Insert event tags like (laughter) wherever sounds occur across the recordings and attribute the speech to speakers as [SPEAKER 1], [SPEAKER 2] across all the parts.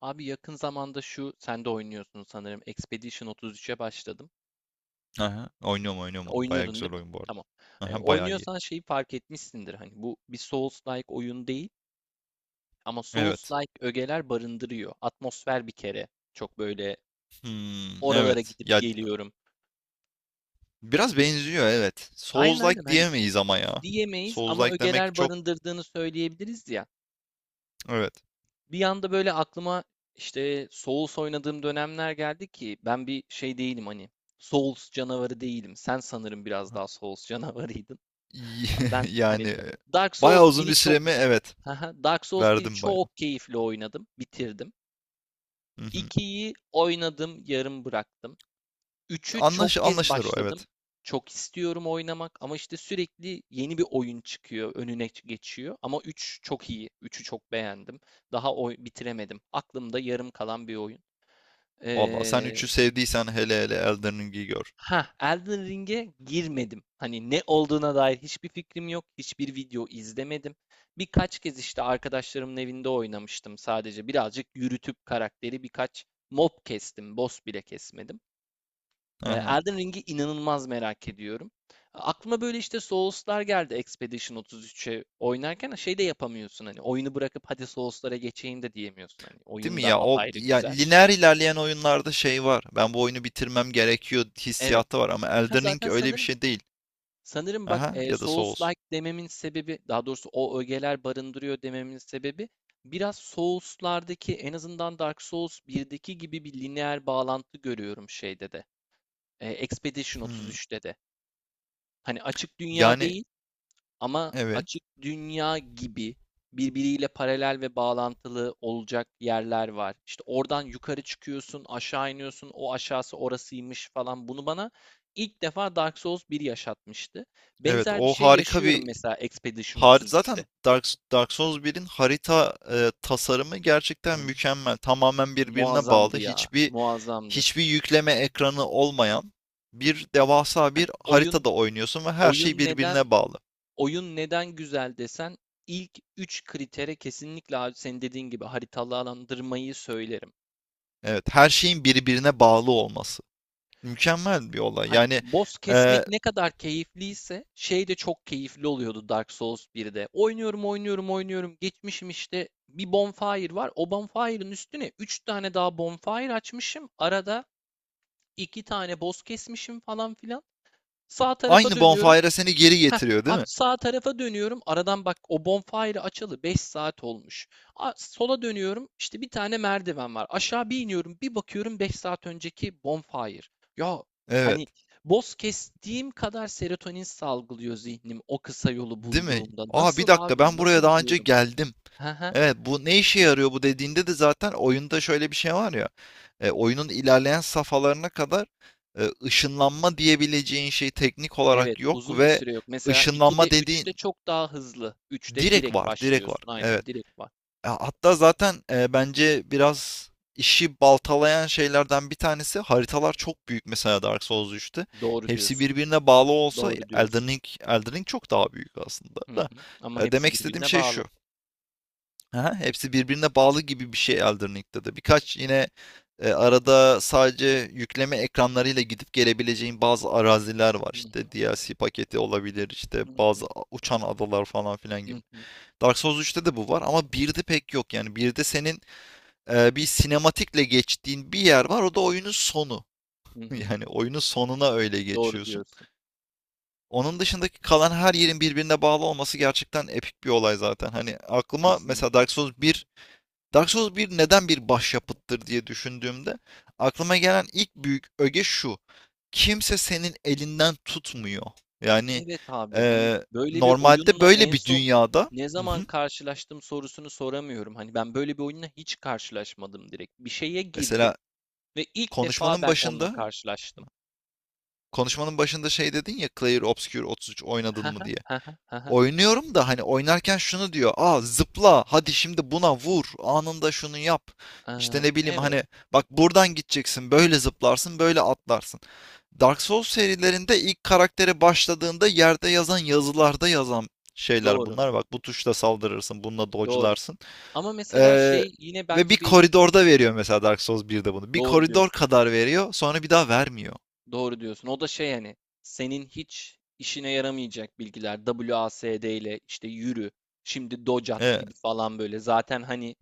[SPEAKER 1] Abi yakın zamanda şu sen de oynuyorsun sanırım. Expedition 33'e başladım.
[SPEAKER 2] Aha, oynuyorum oynuyorum onu. Bayağı
[SPEAKER 1] Oynuyordun
[SPEAKER 2] güzel
[SPEAKER 1] değil mi?
[SPEAKER 2] oyun bu arada.
[SPEAKER 1] Tamam.
[SPEAKER 2] Aha, bayağı iyi.
[SPEAKER 1] Oynuyorsan şeyi fark etmişsindir. Hani bu bir Souls-like oyun değil ama
[SPEAKER 2] Evet.
[SPEAKER 1] Souls-like ögeler barındırıyor. Atmosfer bir kere çok böyle
[SPEAKER 2] Hmm,
[SPEAKER 1] oralara
[SPEAKER 2] evet.
[SPEAKER 1] gidip
[SPEAKER 2] Ya,
[SPEAKER 1] geliyorum.
[SPEAKER 2] biraz benziyor, evet.
[SPEAKER 1] Aynen aynen
[SPEAKER 2] Souls-like
[SPEAKER 1] hani
[SPEAKER 2] diyemeyiz ama ya.
[SPEAKER 1] diyemeyiz ama
[SPEAKER 2] Souls-like demek
[SPEAKER 1] ögeler
[SPEAKER 2] çok,
[SPEAKER 1] barındırdığını söyleyebiliriz ya.
[SPEAKER 2] evet.
[SPEAKER 1] Bir anda böyle aklıma işte Souls oynadığım dönemler geldi ki ben bir şey değilim hani Souls canavarı değilim. Sen sanırım biraz daha Souls (laughs) canavarıydın.
[SPEAKER 2] İyi. (laughs)
[SPEAKER 1] Ben hani
[SPEAKER 2] Yani e,
[SPEAKER 1] Dark
[SPEAKER 2] bayağı
[SPEAKER 1] Souls
[SPEAKER 2] uzun
[SPEAKER 1] biri
[SPEAKER 2] bir
[SPEAKER 1] çok
[SPEAKER 2] süremi, evet,
[SPEAKER 1] (laughs) Dark Souls biri
[SPEAKER 2] verdim bayağı.
[SPEAKER 1] çok keyifli oynadım, bitirdim.
[SPEAKER 2] Hı hı.
[SPEAKER 1] 2'yi oynadım, yarım bıraktım. Üçü çok kez
[SPEAKER 2] Anlaşılır o,
[SPEAKER 1] başladım.
[SPEAKER 2] evet.
[SPEAKER 1] Çok istiyorum oynamak ama işte sürekli yeni bir oyun çıkıyor, önüne geçiyor. Ama 3 çok iyi. Üçü çok beğendim. Daha oy bitiremedim. Aklımda yarım kalan bir oyun.
[SPEAKER 2] Vallahi sen
[SPEAKER 1] Ee,
[SPEAKER 2] üçü sevdiysen hele hele Elden Ring'i gör.
[SPEAKER 1] ha, Elden Ring'e girmedim. Hani ne olduğuna dair hiçbir fikrim yok. Hiçbir video izlemedim. Birkaç kez işte arkadaşlarımın evinde oynamıştım sadece. Birazcık yürütüp karakteri birkaç mob kestim. Boss bile kesmedim.
[SPEAKER 2] Aha.
[SPEAKER 1] Elden Ring'i inanılmaz merak ediyorum. Aklıma böyle işte Souls'lar geldi Expedition 33'e oynarken şey de yapamıyorsun hani oyunu bırakıp hadi Souls'lara geçeyim de diyemiyorsun hani
[SPEAKER 2] Değil
[SPEAKER 1] oyun
[SPEAKER 2] mi
[SPEAKER 1] da
[SPEAKER 2] ya? O
[SPEAKER 1] apayrı
[SPEAKER 2] ya
[SPEAKER 1] güzel.
[SPEAKER 2] lineer ilerleyen oyunlarda şey var. Ben bu oyunu bitirmem gerekiyor
[SPEAKER 1] Evet.
[SPEAKER 2] hissiyatı var ama
[SPEAKER 1] Ha
[SPEAKER 2] Elden Ring
[SPEAKER 1] zaten
[SPEAKER 2] öyle bir
[SPEAKER 1] sanırım
[SPEAKER 2] şey değil.
[SPEAKER 1] sanırım bak
[SPEAKER 2] Aha, ya da Souls.
[SPEAKER 1] Souls-like dememin sebebi daha doğrusu o ögeler barındırıyor dememin sebebi biraz Souls'lardaki en azından Dark Souls 1'deki gibi bir lineer bağlantı görüyorum şeyde de. Expedition
[SPEAKER 2] Hmm.
[SPEAKER 1] 33'te de. Hani açık dünya
[SPEAKER 2] Yani,
[SPEAKER 1] değil, ama
[SPEAKER 2] evet.
[SPEAKER 1] açık dünya gibi birbiriyle paralel ve bağlantılı olacak yerler var. İşte oradan yukarı çıkıyorsun, aşağı iniyorsun, o aşağısı orasıymış falan. Bunu bana ilk defa Dark Souls bir yaşatmıştı.
[SPEAKER 2] Evet,
[SPEAKER 1] Benzer bir
[SPEAKER 2] o
[SPEAKER 1] şey
[SPEAKER 2] harika bir
[SPEAKER 1] yaşıyorum mesela Expedition
[SPEAKER 2] zaten
[SPEAKER 1] 33'te.
[SPEAKER 2] Dark Souls birin harita tasarımı gerçekten
[SPEAKER 1] Abi,
[SPEAKER 2] mükemmel. Tamamen birbirine
[SPEAKER 1] muazzamdı
[SPEAKER 2] bağlı.
[SPEAKER 1] ya,
[SPEAKER 2] Hiçbir
[SPEAKER 1] muazzamdı.
[SPEAKER 2] hiçbir yükleme ekranı olmayan bir devasa
[SPEAKER 1] Hani
[SPEAKER 2] bir haritada oynuyorsun ve her şey
[SPEAKER 1] oyun neden
[SPEAKER 2] birbirine bağlı.
[SPEAKER 1] oyun neden güzel desen ilk 3 kritere kesinlikle abi senin dediğin gibi haritalandırmayı söylerim.
[SPEAKER 2] Evet, her şeyin birbirine bağlı olması. Mükemmel bir olay.
[SPEAKER 1] Hani
[SPEAKER 2] Yani,
[SPEAKER 1] boss
[SPEAKER 2] e,
[SPEAKER 1] kesmek ne kadar keyifliyse şey de çok keyifli oluyordu Dark Souls birde. Oynuyorum, oynuyorum, oynuyorum. Geçmişim işte bir bonfire var. O bonfire'ın üstüne 3 tane daha bonfire açmışım. Arada 2 tane boss kesmişim falan filan. Sağ tarafa
[SPEAKER 2] aynı
[SPEAKER 1] dönüyorum.
[SPEAKER 2] bonfire'a seni geri
[SPEAKER 1] Heh,
[SPEAKER 2] getiriyor, değil
[SPEAKER 1] abi
[SPEAKER 2] mi?
[SPEAKER 1] sağ tarafa dönüyorum. Aradan bak o bonfire'ı açalı 5 saat olmuş. Sola dönüyorum. İşte bir tane merdiven var. Aşağı bir iniyorum. Bir bakıyorum 5 saat önceki bonfire. Ya
[SPEAKER 2] Evet.
[SPEAKER 1] hani boz kestiğim kadar serotonin salgılıyor zihnim o kısa yolu
[SPEAKER 2] Değil mi?
[SPEAKER 1] bulduğumda.
[SPEAKER 2] Aa, bir
[SPEAKER 1] Nasıl
[SPEAKER 2] dakika,
[SPEAKER 1] abi?
[SPEAKER 2] ben buraya
[SPEAKER 1] Nasıl
[SPEAKER 2] daha önce
[SPEAKER 1] diyorum.
[SPEAKER 2] geldim.
[SPEAKER 1] Hı hı.
[SPEAKER 2] Evet, bu ne işe yarıyor bu dediğinde de zaten oyunda şöyle bir şey var ya. Oyunun ilerleyen safhalarına kadar ışınlanma diyebileceğin şey teknik
[SPEAKER 1] Evet,
[SPEAKER 2] olarak yok
[SPEAKER 1] uzun bir
[SPEAKER 2] ve
[SPEAKER 1] süre yok. Mesela 2'de
[SPEAKER 2] ışınlanma
[SPEAKER 1] üçte
[SPEAKER 2] dediğin
[SPEAKER 1] çok daha hızlı. Üçte
[SPEAKER 2] direkt
[SPEAKER 1] direkt
[SPEAKER 2] var, direkt var.
[SPEAKER 1] başlıyorsun. Aynen
[SPEAKER 2] Evet.
[SPEAKER 1] direkt var.
[SPEAKER 2] Ya, hatta zaten bence biraz işi baltalayan şeylerden bir tanesi haritalar çok büyük, mesela Dark Souls üçte.
[SPEAKER 1] Doğru
[SPEAKER 2] Hepsi
[SPEAKER 1] diyorsun.
[SPEAKER 2] birbirine bağlı olsa
[SPEAKER 1] Doğru
[SPEAKER 2] Elden
[SPEAKER 1] diyorsun.
[SPEAKER 2] Ring, Elden Ring çok daha büyük aslında
[SPEAKER 1] Hı
[SPEAKER 2] da.
[SPEAKER 1] hı. Ama hepsi
[SPEAKER 2] Demek istediğim
[SPEAKER 1] birbirine
[SPEAKER 2] şey
[SPEAKER 1] bağlı.
[SPEAKER 2] şu. Aha, hepsi birbirine bağlı gibi bir şey Elden Ring'de de. Birkaç yine arada sadece yükleme ekranlarıyla gidip gelebileceğin bazı araziler var.
[SPEAKER 1] Hı.
[SPEAKER 2] İşte DLC paketi olabilir, işte
[SPEAKER 1] Hı
[SPEAKER 2] bazı
[SPEAKER 1] hı,
[SPEAKER 2] uçan adalar falan filan
[SPEAKER 1] hı
[SPEAKER 2] gibi.
[SPEAKER 1] hı,
[SPEAKER 2] Dark Souls üçte de bu var ama 1'de pek yok. Yani 1'de senin bir sinematikle geçtiğin bir yer var. O da oyunun sonu.
[SPEAKER 1] hı
[SPEAKER 2] (laughs)
[SPEAKER 1] hı.
[SPEAKER 2] Yani oyunun sonuna öyle
[SPEAKER 1] Doğru
[SPEAKER 2] geçiyorsun.
[SPEAKER 1] diyorsun.
[SPEAKER 2] Onun dışındaki kalan her yerin birbirine bağlı olması gerçekten epik bir olay zaten. Hani aklıma mesela
[SPEAKER 1] Kesinlikle.
[SPEAKER 2] Dark Souls bir neden bir başyapıttır diye düşündüğümde aklıma gelen ilk büyük öge şu. Kimse senin elinden tutmuyor. Yani,
[SPEAKER 1] Evet abi hani
[SPEAKER 2] e,
[SPEAKER 1] böyle bir
[SPEAKER 2] normalde
[SPEAKER 1] oyunla
[SPEAKER 2] böyle
[SPEAKER 1] en
[SPEAKER 2] bir
[SPEAKER 1] son
[SPEAKER 2] dünyada,
[SPEAKER 1] ne
[SPEAKER 2] hı
[SPEAKER 1] zaman
[SPEAKER 2] hı,
[SPEAKER 1] karşılaştım sorusunu soramıyorum. Hani ben böyle bir oyunla hiç karşılaşmadım direkt. Bir şeye girdim
[SPEAKER 2] mesela
[SPEAKER 1] ve ilk defa
[SPEAKER 2] konuşmanın
[SPEAKER 1] ben onunla
[SPEAKER 2] başında
[SPEAKER 1] karşılaştım.
[SPEAKER 2] konuşmanın başında şey dedin ya, Clair Obscure 33 oynadın
[SPEAKER 1] Ha
[SPEAKER 2] mı
[SPEAKER 1] ha
[SPEAKER 2] diye.
[SPEAKER 1] ha ha ha. Ha.
[SPEAKER 2] Oynuyorum da hani oynarken şunu diyor. Aa, zıpla hadi şimdi buna vur anında şunu yap. İşte ne bileyim
[SPEAKER 1] Evet
[SPEAKER 2] hani, bak, buradan gideceksin, böyle zıplarsın, böyle atlarsın. Dark Souls serilerinde ilk karaktere başladığında yerde yazan, yazılarda yazan şeyler
[SPEAKER 1] doğru
[SPEAKER 2] bunlar. Bak, bu tuşla saldırırsın, bununla
[SPEAKER 1] doğru.
[SPEAKER 2] dodge'larsın.
[SPEAKER 1] Ama mesela
[SPEAKER 2] Ee,
[SPEAKER 1] şey yine
[SPEAKER 2] Ve bir
[SPEAKER 1] bence bir.
[SPEAKER 2] koridorda veriyor mesela Dark Souls 1'de bunu. Bir
[SPEAKER 1] Doğru
[SPEAKER 2] koridor
[SPEAKER 1] diyorsun.
[SPEAKER 2] kadar veriyor sonra bir daha vermiyor.
[SPEAKER 1] Doğru diyorsun. O da şey hani senin hiç işine yaramayacak bilgiler. WASD ile işte yürü, şimdi docat
[SPEAKER 2] Ee,
[SPEAKER 1] gibi falan böyle. Zaten hani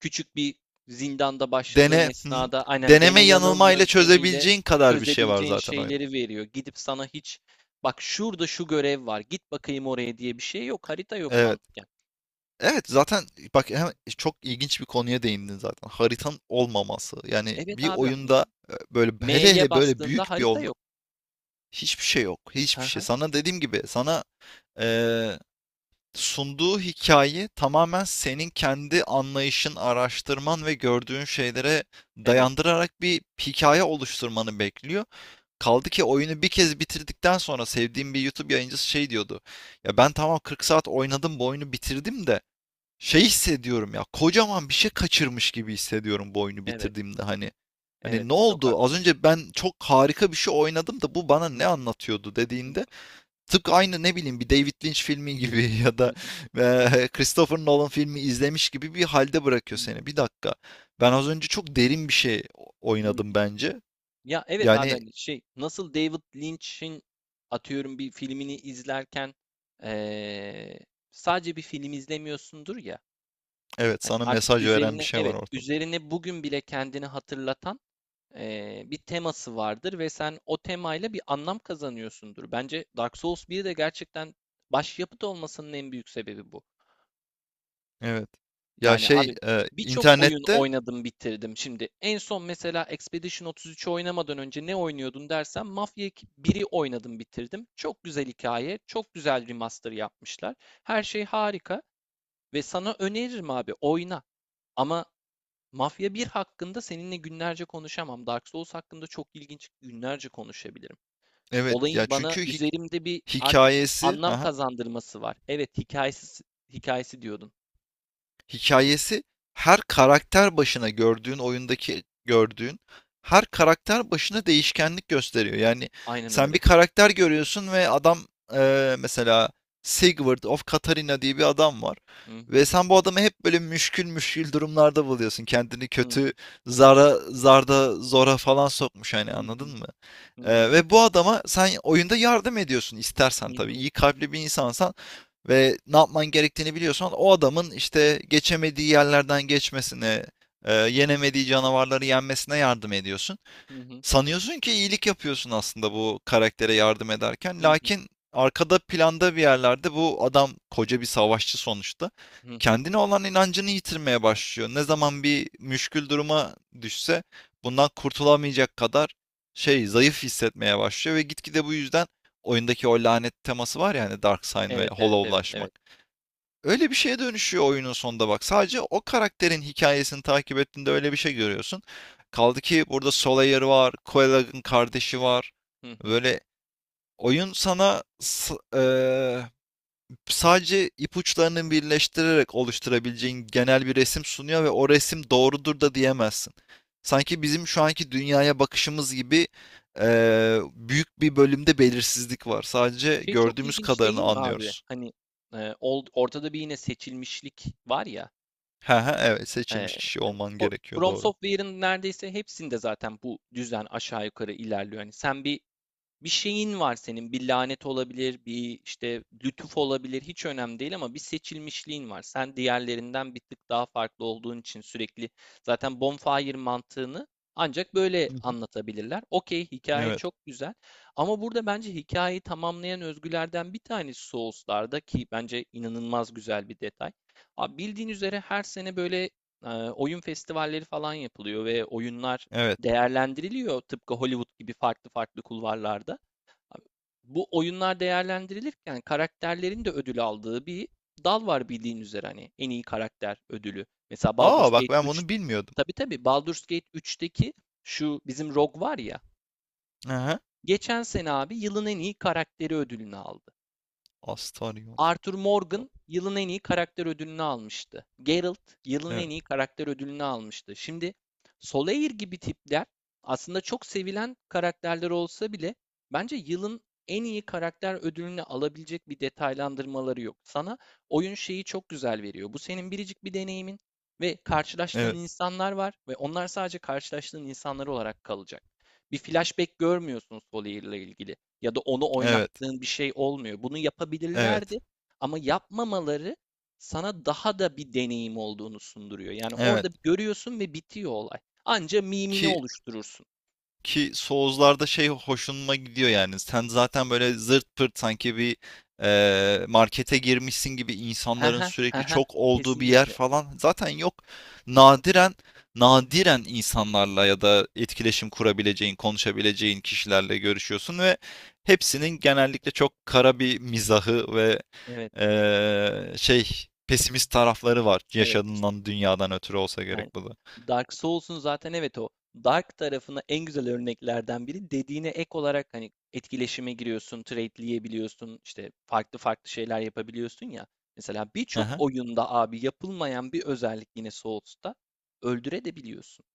[SPEAKER 1] küçük bir zindanda başladığın
[SPEAKER 2] Hı hı.
[SPEAKER 1] esnada aynen
[SPEAKER 2] Deneme
[SPEAKER 1] dene yanıl
[SPEAKER 2] yanılmayla
[SPEAKER 1] yöntemiyle
[SPEAKER 2] çözebileceğin kadar bir şey var
[SPEAKER 1] çözebileceğin
[SPEAKER 2] zaten oyunda.
[SPEAKER 1] şeyleri veriyor. Gidip sana hiç bak şurada şu görev var git bakayım oraya diye bir şey yok. Harita yok
[SPEAKER 2] Evet.
[SPEAKER 1] mantıken.
[SPEAKER 2] Evet, zaten bak, hem çok ilginç bir konuya değindin zaten. Haritanın olmaması. Yani
[SPEAKER 1] Evet
[SPEAKER 2] bir
[SPEAKER 1] abi hani
[SPEAKER 2] oyunda, böyle hele
[SPEAKER 1] M'ye
[SPEAKER 2] hele böyle
[SPEAKER 1] bastığında
[SPEAKER 2] büyük bir
[SPEAKER 1] harita
[SPEAKER 2] oyunda
[SPEAKER 1] yok.
[SPEAKER 2] hiçbir şey yok.
[SPEAKER 1] Hı
[SPEAKER 2] Hiçbir şey.
[SPEAKER 1] hı.
[SPEAKER 2] Sana dediğim gibi, sana e, sunduğu hikaye tamamen senin kendi anlayışın, araştırman ve gördüğün şeylere
[SPEAKER 1] Evet,
[SPEAKER 2] dayandırarak bir hikaye oluşturmanı bekliyor. Kaldı ki oyunu bir kez bitirdikten sonra sevdiğim bir YouTube yayıncısı şey diyordu. Ya, ben tamam 40 saat oynadım, bu oyunu bitirdim de şey hissediyorum ya, kocaman bir şey kaçırmış gibi hissediyorum bu oyunu
[SPEAKER 1] evet,
[SPEAKER 2] bitirdiğimde hani. Hani
[SPEAKER 1] evet
[SPEAKER 2] ne
[SPEAKER 1] çok
[SPEAKER 2] oldu? Az
[SPEAKER 1] haklı.
[SPEAKER 2] önce ben çok harika bir şey oynadım da bu bana
[SPEAKER 1] Hı
[SPEAKER 2] ne
[SPEAKER 1] hı,
[SPEAKER 2] anlatıyordu
[SPEAKER 1] hı
[SPEAKER 2] dediğinde, tıpkı aynı ne bileyim bir David Lynch filmi gibi (laughs) ya
[SPEAKER 1] hı,
[SPEAKER 2] da Christopher Nolan filmi izlemiş gibi bir halde
[SPEAKER 1] hı
[SPEAKER 2] bırakıyor
[SPEAKER 1] hı,
[SPEAKER 2] seni. Bir dakika. Ben az önce çok derin bir şey
[SPEAKER 1] hı
[SPEAKER 2] oynadım
[SPEAKER 1] hı.
[SPEAKER 2] bence.
[SPEAKER 1] Ya evet abi
[SPEAKER 2] Yani.
[SPEAKER 1] hani şey nasıl David Lynch'in atıyorum bir filmini izlerken eee, sadece bir film izlemiyorsundur ya.
[SPEAKER 2] Evet,
[SPEAKER 1] Hani
[SPEAKER 2] sana
[SPEAKER 1] artık
[SPEAKER 2] mesaj veren bir
[SPEAKER 1] üzerine
[SPEAKER 2] şey var
[SPEAKER 1] evet
[SPEAKER 2] ortada.
[SPEAKER 1] üzerine bugün bile kendini hatırlatan bir teması vardır ve sen o temayla bir anlam kazanıyorsundur. Bence Dark Souls bir de gerçekten başyapıt olmasının en büyük sebebi bu.
[SPEAKER 2] Evet. Ya
[SPEAKER 1] Yani
[SPEAKER 2] şey,
[SPEAKER 1] abi birçok oyun
[SPEAKER 2] internette,
[SPEAKER 1] oynadım bitirdim. Şimdi en son mesela Expedition 33'ü oynamadan önce ne oynuyordun dersen Mafia 1'i oynadım bitirdim. Çok güzel hikaye, çok güzel remaster yapmışlar. Her şey harika ve sana öneririm abi oyna. Ama Mafya 1 hakkında seninle günlerce konuşamam. Dark Souls hakkında çok ilginç günlerce konuşabilirim.
[SPEAKER 2] evet ya,
[SPEAKER 1] Olayın bana
[SPEAKER 2] çünkü
[SPEAKER 1] üzerimde bir artık
[SPEAKER 2] hikayesi,
[SPEAKER 1] anlam
[SPEAKER 2] haha.
[SPEAKER 1] kazandırması var. Evet hikayesi hikayesi diyordun.
[SPEAKER 2] Hikayesi, her karakter başına gördüğün, oyundaki gördüğün her karakter başına değişkenlik gösteriyor. Yani
[SPEAKER 1] Aynen
[SPEAKER 2] sen bir
[SPEAKER 1] öyle.
[SPEAKER 2] karakter görüyorsun ve adam, mesela, Sigurd of Katarina diye bir adam var.
[SPEAKER 1] Hı
[SPEAKER 2] Ve
[SPEAKER 1] hı.
[SPEAKER 2] sen bu adamı hep böyle müşkül müşkül durumlarda buluyorsun. Kendini
[SPEAKER 1] Hı hı.
[SPEAKER 2] kötü zarda zora falan sokmuş, hani,
[SPEAKER 1] Hı
[SPEAKER 2] anladın
[SPEAKER 1] hı.
[SPEAKER 2] mı?
[SPEAKER 1] Hı hı.
[SPEAKER 2] Ve bu adama sen oyunda yardım ediyorsun,
[SPEAKER 1] Hı
[SPEAKER 2] istersen tabii.
[SPEAKER 1] hı.
[SPEAKER 2] İyi kalpli bir insansan ve ne yapman gerektiğini biliyorsan, o adamın işte geçemediği yerlerden geçmesine, yenemediği canavarları yenmesine yardım ediyorsun.
[SPEAKER 1] Hı hı.
[SPEAKER 2] Sanıyorsun ki iyilik yapıyorsun aslında bu karaktere yardım ederken.
[SPEAKER 1] Hı hı.
[SPEAKER 2] Lakin arkada planda bir yerlerde bu adam koca bir savaşçı sonuçta.
[SPEAKER 1] Hı hı.
[SPEAKER 2] Kendine olan inancını yitirmeye başlıyor. Ne zaman bir müşkül duruma düşse bundan kurtulamayacak kadar, şey, zayıf hissetmeye başlıyor ve gitgide bu yüzden oyundaki o lanet teması var ya hani, Darkseid ve
[SPEAKER 1] Evet, evet, evet,
[SPEAKER 2] Hollow'laşmak.
[SPEAKER 1] evet.
[SPEAKER 2] Öyle bir şeye dönüşüyor oyunun sonunda bak. Sadece o karakterin hikayesini takip ettiğinde öyle bir şey görüyorsun. Kaldı ki burada Solaire var, Koelag'ın kardeşi var.
[SPEAKER 1] Hı hı.
[SPEAKER 2] Böyle, oyun sana sadece ipuçlarını birleştirerek oluşturabileceğin genel bir resim sunuyor ve o resim doğrudur da diyemezsin. Sanki bizim şu anki dünyaya bakışımız gibi, büyük bir bölümde belirsizlik var. Sadece
[SPEAKER 1] Şey çok
[SPEAKER 2] gördüğümüz
[SPEAKER 1] ilginç
[SPEAKER 2] kadarını
[SPEAKER 1] değil mi abi?
[SPEAKER 2] anlıyoruz.
[SPEAKER 1] Hani ortada bir yine seçilmişlik var ya.
[SPEAKER 2] He he, evet,
[SPEAKER 1] E,
[SPEAKER 2] seçilmiş kişi
[SPEAKER 1] hani
[SPEAKER 2] olman gerekiyor,
[SPEAKER 1] From
[SPEAKER 2] doğru.
[SPEAKER 1] Software'ın neredeyse hepsinde zaten bu düzen aşağı yukarı ilerliyor. Hani sen bir şeyin var senin. Bir lanet olabilir, bir işte lütuf olabilir, hiç önemli değil ama bir seçilmişliğin var. Sen diğerlerinden bir tık daha farklı olduğun için sürekli zaten bonfire mantığını ancak böyle
[SPEAKER 2] Hı hı.
[SPEAKER 1] anlatabilirler. Okey, hikaye
[SPEAKER 2] Evet.
[SPEAKER 1] çok güzel ama burada bence hikayeyi tamamlayan özgülerden bir tanesi Souls'larda ki bence inanılmaz güzel bir detay. Abi bildiğin üzere her sene böyle oyun festivalleri falan yapılıyor ve oyunlar
[SPEAKER 2] Evet.
[SPEAKER 1] değerlendiriliyor tıpkı Hollywood gibi farklı farklı kulvarlarda bu oyunlar değerlendirilirken karakterlerin de ödül aldığı bir dal var bildiğin üzere hani en iyi karakter ödülü. Mesela Baldur's
[SPEAKER 2] Aa, bak,
[SPEAKER 1] Gate
[SPEAKER 2] ben
[SPEAKER 1] 3.
[SPEAKER 2] bunu bilmiyordum.
[SPEAKER 1] Tabii tabii Baldur's Gate 3'teki şu bizim Rogue var ya.
[SPEAKER 2] Hı hı.
[SPEAKER 1] Geçen sene abi yılın en iyi karakteri ödülünü aldı.
[SPEAKER 2] Astaryon.
[SPEAKER 1] Arthur Morgan yılın en iyi karakter ödülünü almıştı. Geralt yılın
[SPEAKER 2] Evet.
[SPEAKER 1] en iyi karakter ödülünü almıştı. Şimdi Solaire gibi tipler aslında çok sevilen karakterler olsa bile bence yılın en iyi karakter ödülünü alabilecek bir detaylandırmaları yok. Sana oyun şeyi çok güzel veriyor. Bu senin biricik bir deneyimin ve karşılaştığın
[SPEAKER 2] Evet.
[SPEAKER 1] insanlar var ve onlar sadece karşılaştığın insanlar olarak kalacak. Bir flashback görmüyorsun Solaire'le ilgili ya da onu
[SPEAKER 2] Evet.
[SPEAKER 1] oynattığın bir şey olmuyor. Bunu
[SPEAKER 2] Evet.
[SPEAKER 1] yapabilirlerdi ama yapmamaları sana daha da bir deneyim olduğunu sunduruyor. Yani orada
[SPEAKER 2] Evet.
[SPEAKER 1] görüyorsun ve bitiyor olay. Anca mimini
[SPEAKER 2] Ki
[SPEAKER 1] oluşturursun.
[SPEAKER 2] Ki Souls'larda şey hoşuma gidiyor yani. Sen zaten böyle zırt pırt, sanki bir, markete girmişsin gibi insanların
[SPEAKER 1] Haha,
[SPEAKER 2] sürekli
[SPEAKER 1] haha.
[SPEAKER 2] çok olduğu bir yer
[SPEAKER 1] Kesinlikle.
[SPEAKER 2] falan zaten yok. Nadiren nadiren insanlarla ya da etkileşim kurabileceğin, konuşabileceğin kişilerle görüşüyorsun ve hepsinin genellikle çok kara bir mizahı ve,
[SPEAKER 1] Evet,
[SPEAKER 2] şey, pesimist tarafları var,
[SPEAKER 1] evet işte.
[SPEAKER 2] yaşadığından dünyadan ötürü olsa gerek
[SPEAKER 1] Yani
[SPEAKER 2] bu da.
[SPEAKER 1] Dark Souls'un zaten evet o Dark tarafına en güzel örneklerden biri. Dediğine ek olarak hani etkileşime giriyorsun, trade'leyebiliyorsun, işte farklı farklı şeyler yapabiliyorsun ya. Mesela birçok oyunda abi yapılmayan bir özellik yine Souls'ta öldürebiliyorsun,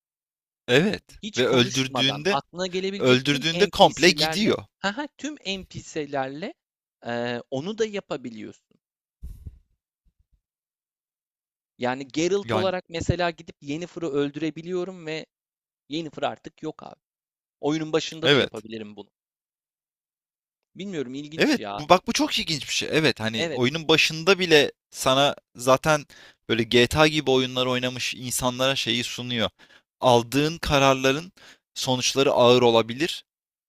[SPEAKER 2] Evet,
[SPEAKER 1] hiç
[SPEAKER 2] ve
[SPEAKER 1] konuşmadan aklına gelebilecek tüm
[SPEAKER 2] öldürdüğünde komple
[SPEAKER 1] NPC'lerle
[SPEAKER 2] gidiyor.
[SPEAKER 1] haha, (laughs) tüm NPC'lerle eee, onu da yapabiliyorsun. Yani Geralt
[SPEAKER 2] Yani,
[SPEAKER 1] olarak mesela gidip Yennefer'ı öldürebiliyorum ve Yennefer artık yok abi. Oyunun başında da
[SPEAKER 2] evet.
[SPEAKER 1] yapabilirim bunu. Bilmiyorum ilginç
[SPEAKER 2] Evet,
[SPEAKER 1] ya.
[SPEAKER 2] bu bak, bu çok ilginç bir şey. Evet, hani
[SPEAKER 1] Evet.
[SPEAKER 2] oyunun başında bile sana zaten böyle GTA gibi oyunlar oynamış insanlara şeyi sunuyor. Aldığın kararların sonuçları ağır olabilir.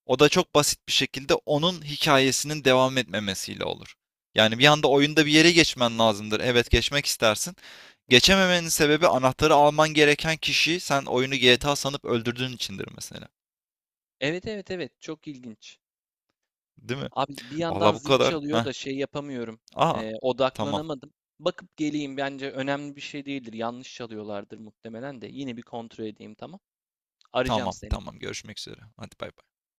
[SPEAKER 2] O da çok basit bir şekilde onun hikayesinin devam etmemesiyle olur. Yani bir anda oyunda bir yere geçmen lazımdır. Evet, geçmek istersin. Geçememenin sebebi anahtarı alman gereken kişiyi sen oyunu GTA sanıp öldürdüğün içindir mesela.
[SPEAKER 1] Evet evet evet çok ilginç.
[SPEAKER 2] Değil mi?
[SPEAKER 1] Abi bir yandan
[SPEAKER 2] Vallahi bu
[SPEAKER 1] zil
[SPEAKER 2] kadar.
[SPEAKER 1] çalıyor
[SPEAKER 2] Heh.
[SPEAKER 1] da şey yapamıyorum.
[SPEAKER 2] Aa, tamam.
[SPEAKER 1] Odaklanamadım. Bakıp geleyim bence önemli bir şey değildir. Yanlış çalıyorlardır muhtemelen de. Yine bir kontrol edeyim tamam. Arayacağım
[SPEAKER 2] Tamam
[SPEAKER 1] seni.
[SPEAKER 2] tamam, görüşmek üzere. Hadi, bay bay.